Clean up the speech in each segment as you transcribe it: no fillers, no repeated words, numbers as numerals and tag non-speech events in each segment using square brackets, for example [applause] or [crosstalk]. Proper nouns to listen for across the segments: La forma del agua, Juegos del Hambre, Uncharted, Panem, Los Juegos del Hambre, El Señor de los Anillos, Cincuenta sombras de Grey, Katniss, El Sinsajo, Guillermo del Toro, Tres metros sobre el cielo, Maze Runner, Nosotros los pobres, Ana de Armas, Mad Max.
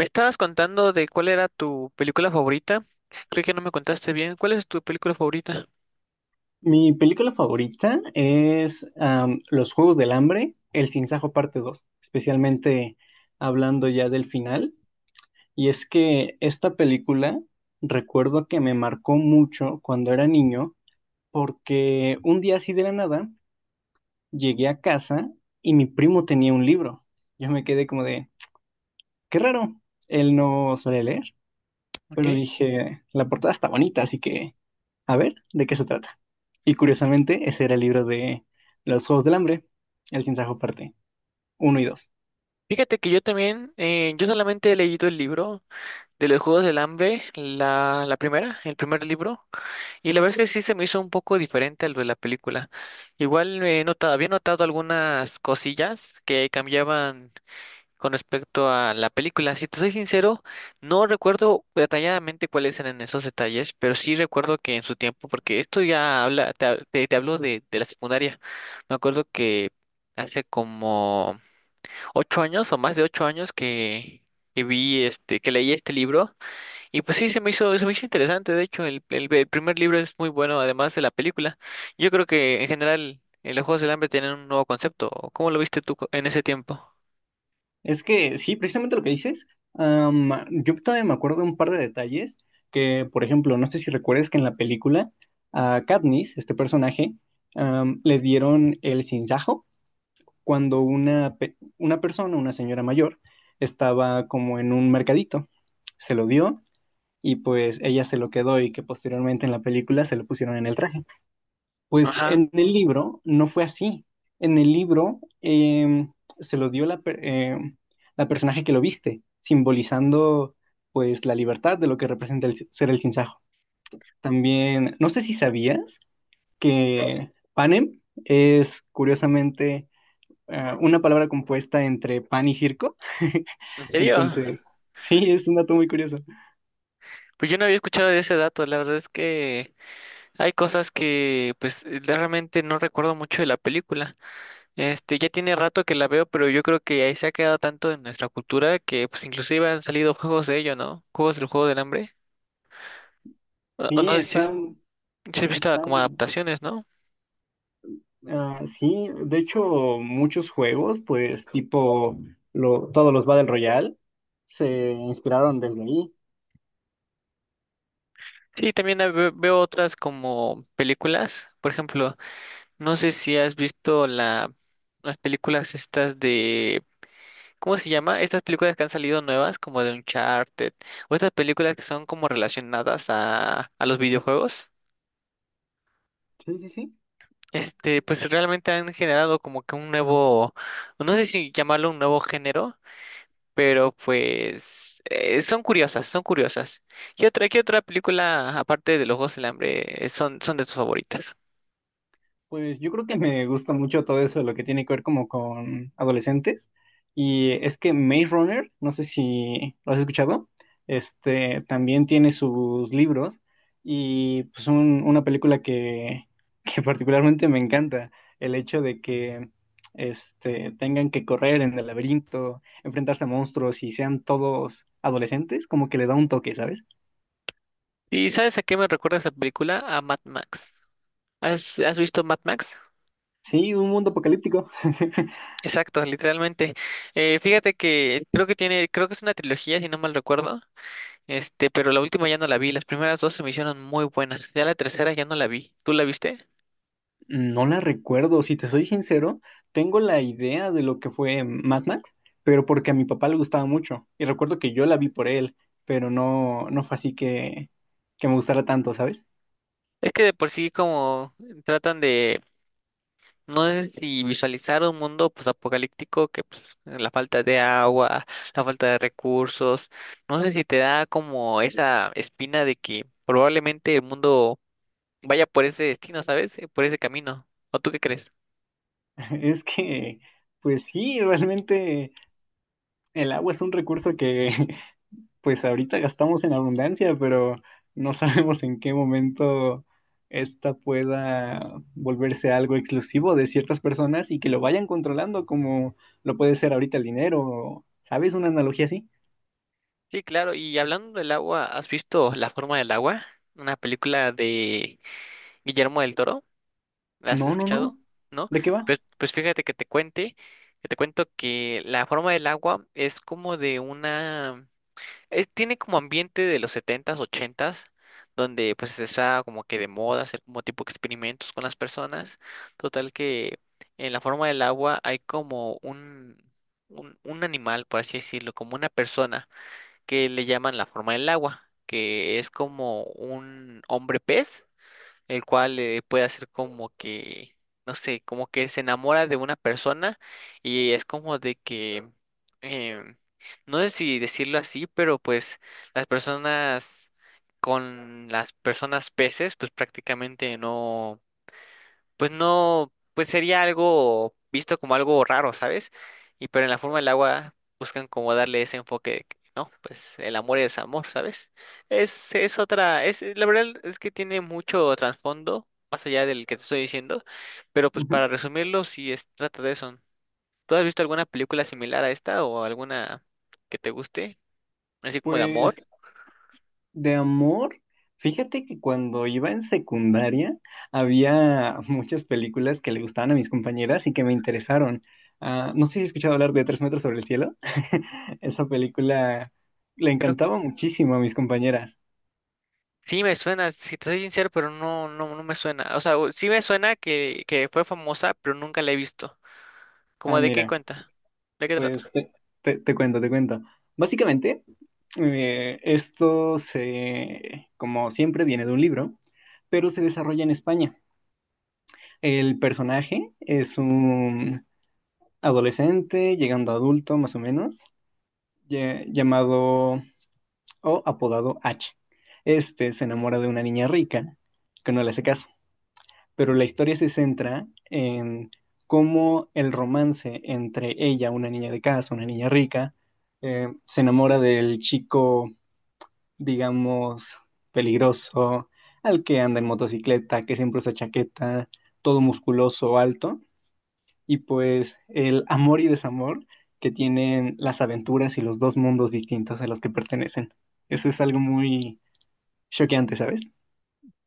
Me estabas contando de cuál era tu película favorita. Creo que no me contaste bien. ¿Cuál es tu película favorita? Mi película favorita es Los Juegos del Hambre, El Sinsajo parte 2, especialmente hablando ya del final. Y es que esta película recuerdo que me marcó mucho cuando era niño, porque un día así de la nada llegué a casa y mi primo tenía un libro. Yo me quedé como de, qué raro, él no suele leer, Ok. pero dije, la portada está bonita, así que a ver de qué se trata. Y curiosamente, ese era el libro de Los Juegos del Hambre, El Sinsajo parte uno y dos. Fíjate que yo también, yo solamente he leído el libro de los Juegos del Hambre, la primera, el primer libro, y la verdad es que sí se me hizo un poco diferente al de la película. Igual había notado algunas cosillas que cambiaban con respecto a la película. Si te soy sincero, no recuerdo detalladamente cuáles eran esos detalles, pero sí recuerdo que en su tiempo, porque esto ya habla, te, hab- te hablo de la secundaria. Me acuerdo que hace como ocho años o más de ocho años que, que leí este libro, y pues sí se me hizo interesante. De hecho, el primer libro es muy bueno, además de la película. Yo creo que en general los Juegos del Hambre tienen un nuevo concepto. ¿Cómo lo viste tú en ese tiempo? Es que sí, precisamente lo que dices, am, yo todavía me acuerdo de un par de detalles que, por ejemplo, no sé si recuerdes que en la película a Katniss, este personaje, le dieron el sinsajo cuando una persona, una señora mayor, estaba como en un mercadito. Se lo dio y pues ella se lo quedó y que posteriormente en la película se lo pusieron en el traje. Pues Ajá. en el libro no fue así. En el libro se lo dio la personaje que lo viste, simbolizando pues la libertad de lo que representa el ser el sinsajo. También, no sé si sabías que panem es curiosamente una palabra compuesta entre pan y circo. [laughs] ¿En serio? Entonces, sí, es un dato muy curioso. Pues yo no había escuchado de ese dato. La verdad es que hay cosas que pues realmente no recuerdo mucho de la película. Este, ya tiene rato que la veo, pero yo creo que ahí se ha quedado tanto en nuestra cultura que pues inclusive han salido juegos de ello, ¿no? Juegos del Juego del Hambre. O no Sí, sé si, están, si he visto como están. adaptaciones, ¿no? Ah, sí, de hecho, muchos juegos, pues tipo todos los Battle Royale, se inspiraron desde ahí. Sí, también veo otras como películas. Por ejemplo, no sé si has visto las películas estas de. ¿Cómo se llama? Estas películas que han salido nuevas, como de Uncharted, o estas películas que son como relacionadas a los videojuegos. Sí, sí, sí. Este, pues realmente han generado como que un nuevo, no sé si llamarlo, un nuevo género, pero pues son curiosas, son curiosas. ¿Qué otra película, aparte de Los Juegos del Hambre, son de tus favoritas? Pues yo creo que me gusta mucho todo eso, lo que tiene que ver como con adolescentes. Y es que Maze Runner, no sé si lo has escuchado, este también tiene sus libros y pues una película que, [laughs] que particularmente me encanta, el hecho de que este, tengan que correr en el laberinto, enfrentarse a monstruos y sean todos adolescentes, como que le da un toque, ¿sabes? ¿Y sabes a qué me recuerda esa película? A Mad Max. ¿Has visto Mad Max? Sí, un mundo apocalíptico. [laughs] Exacto, literalmente. Fíjate que creo que es una trilogía, si no mal recuerdo. Este, pero la última ya no la vi. Las primeras dos se me hicieron muy buenas. Ya la tercera ya no la vi. ¿Tú la viste? No la recuerdo, si te soy sincero, tengo la idea de lo que fue Mad Max, pero porque a mi papá le gustaba mucho. Y recuerdo que yo la vi por él, pero no, no fue así que me gustara tanto, ¿sabes? Es que de por sí como tratan de No sé si visualizar un mundo pues apocalíptico, que pues la falta de agua, la falta de recursos. No sé si te da como esa espina de que probablemente el mundo vaya por ese destino, ¿sabes? Por ese camino. ¿O tú qué crees? [laughs] Es que, pues sí, realmente el agua es un recurso que [laughs] pues ahorita gastamos en abundancia, pero no [laughs] sabemos en qué momento esta pueda volverse algo exclusivo de ciertas personas y que lo vayan controlando como lo puede ser ahorita el dinero. ¿Sabes? Una analogía así. Sí, claro, y hablando del agua, ¿has visto La forma del agua? Una película de Guillermo del Toro. ¿La has No, no, escuchado? no. ¿No? ¿De qué va? Pues fíjate que te cuento que La forma del agua es como de tiene como ambiente de los setentas ochentas, donde pues está como que de moda hacer como tipo experimentos con las personas. Total que en la forma del agua hay como un animal, por así decirlo, como una persona, que le llaman la forma del agua, que es como un hombre pez, el cual puede hacer como que, no sé, como que se enamora de una persona, y es como de que, em, no sé si decirlo así, pero pues las personas con las personas peces, pues prácticamente no, pues no, pues sería algo visto como algo raro, ¿sabes? Y pero en la forma del agua buscan como darle ese enfoque, de que, no, pues el amor es amor, ¿sabes? Es otra, la verdad es que tiene mucho trasfondo, más allá del que te estoy diciendo, pero pues Ujú. para resumirlo, sí, es, trata de eso. ¿Tú has visto alguna película similar a esta o alguna que te guste, así como de amor? Pues de amor, fíjate que cuando iba en secundaria había [laughs] muchas películas que le gustaban a mis compañeras y que me interesaron. Ah, no sé si has escuchado hablar de Tres metros sobre el cielo. [laughs] Esa película le Creo encantaba muchísimo a mis compañeras. Sí me suena, si te soy sincero, pero no, no, no me suena. O sea, sí me suena que fue famosa, pero nunca la he visto. Ah, ¿Cómo de qué mira, cuenta? ¿De qué pues trata? Te cuento, te cuento. Básicamente, esto se, como siempre, viene de un libro, pero se desarrolla en España. El personaje es un adolescente, llegando a adulto más o menos, llamado o apodado H. Este se enamora de una niña rica que no le hace caso, pero la historia se centra en cómo el romance entre ella, una niña de casa, una niña rica, se enamora del chico, digamos, peligroso, al que anda en motocicleta, que siempre usa chaqueta, todo musculoso, alto y pues el amor y desamor que tienen las aventuras y los dos mundos distintos a los que pertenecen. Eso es algo muy choqueante, ¿sabes?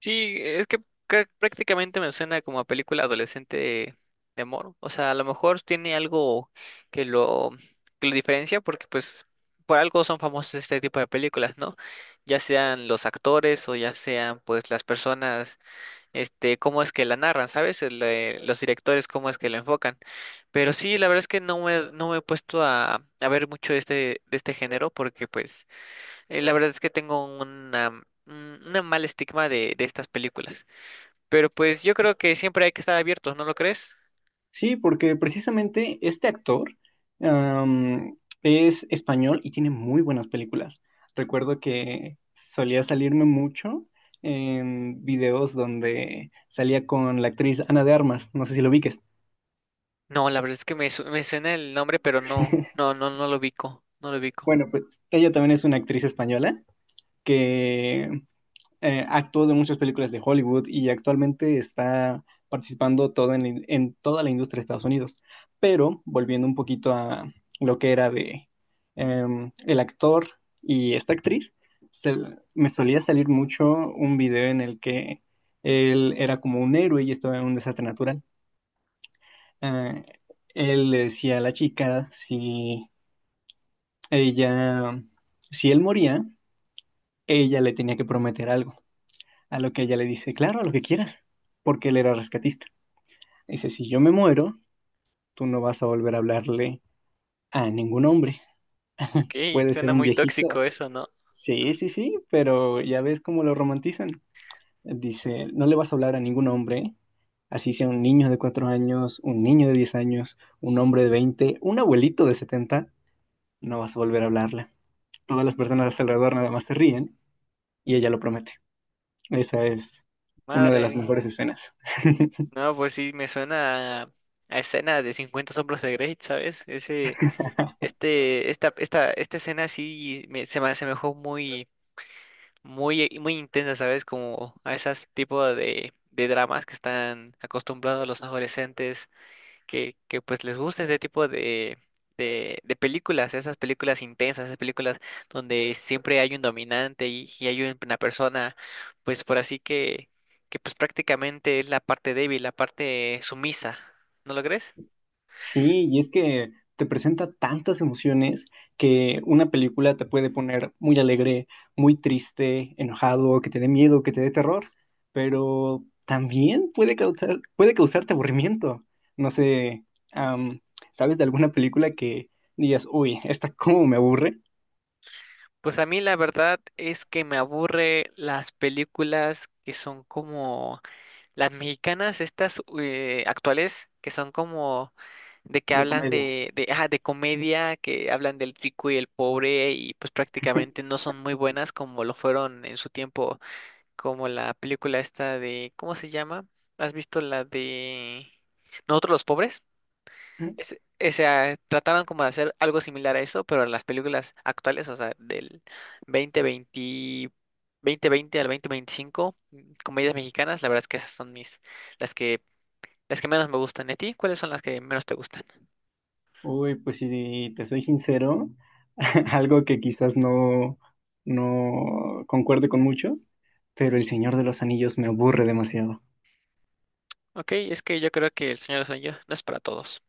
Sí, es que prácticamente me suena como a película adolescente de amor. O sea, a lo mejor tiene algo que lo, que lo diferencia, porque pues por algo son famosos este tipo de películas, ¿no? Ya sean los actores o ya sean pues las personas, este, cómo es que la narran, ¿sabes? Los directores, cómo es que la enfocan. Pero sí, la verdad es que no me he puesto a ver mucho de este, género, porque pues. La verdad es que tengo una, un una mal estigma de estas películas. Pero pues yo creo que siempre hay que estar abiertos, ¿no lo crees? Sí, porque precisamente este actor es español y tiene muy buenas películas. Recuerdo que solía salirme mucho en videos donde salía con la actriz Ana de Armas, no sé si lo ubiques. No, la verdad es que me suena el nombre, pero no, no, [laughs] no, no lo ubico, no lo ubico. Bueno, pues ella también es una actriz española que actuó de muchas películas de Hollywood y actualmente está participando todo en, en toda la industria de Estados Unidos. Pero volviendo un poquito a lo que era de el actor y esta actriz, se- me solía salir mucho un video en el que él era como un héroe y estaba en un desastre natural. Eh, Él le decía a la chica si ella, si él moría, ella le tenía que prometer algo. A lo que ella le dice, claro, a lo que quieras, porque él era rescatista. Dice, si yo me muero, tú no vas a volver a hablarle a ningún hombre. Ok, Puede ser suena un muy viejito. tóxico eso, ¿no? Sí, sí, sí, pero ya ves cómo lo romantizan. Dice, no le vas a hablar a ningún hombre, así sea un niño de 4 años, un niño de 10 años, un hombre de 20, un abuelito de 70, no vas a volver a hablarle. Todas las personas a su alrededor nada más se ríen y ella lo promete. Esa es una de Madre las mía. mejores escenas. No, pues sí, me suena a escena de cincuenta sombras de Grey, ¿sabes? Ese, este, esta escena sí se me asemejó muy, muy, muy intensa, ¿sabes? Como a esas tipo de dramas que están acostumbrados los adolescentes, que pues les gusta ese tipo de películas, esas películas intensas, esas películas donde siempre hay un dominante y hay una persona, pues por así que pues prácticamente es la parte débil, la parte sumisa, ¿no lo crees? Sí, y es que te presenta tantas emociones que una película te puede poner muy alegre, muy triste, enojado, que te dé miedo, que te dé terror, pero también puede causar, puede causarte aburrimiento. No sé, am, ¿sabes de alguna película que digas, uy, esta cómo me aburre? Pues a mí la verdad es que me aburre las películas que son como las mexicanas, estas actuales, que son como de que De hablan comedia. de, ajá, de comedia, que hablan del rico y el pobre, y pues prácticamente no son muy buenas como lo fueron en su tiempo, como la película esta de. ¿Cómo se llama? ¿Has visto la de Nosotros los pobres? es- o sea, trataron como de hacer algo similar a eso, pero en las películas actuales, o sea, del 2020, 2020 al 2025, comedias mexicanas, la verdad es que esas son las que, las que menos me gustan. ¿Y a ti? ¿Cuáles son las que menos te gustan? Uy, pues si te soy sincero, [laughs] algo que quizás no, no concuerde con muchos, pero El Señor de los Anillos me aburre demasiado. Ok, es que yo creo que El Señor de los Anillos no es para todos.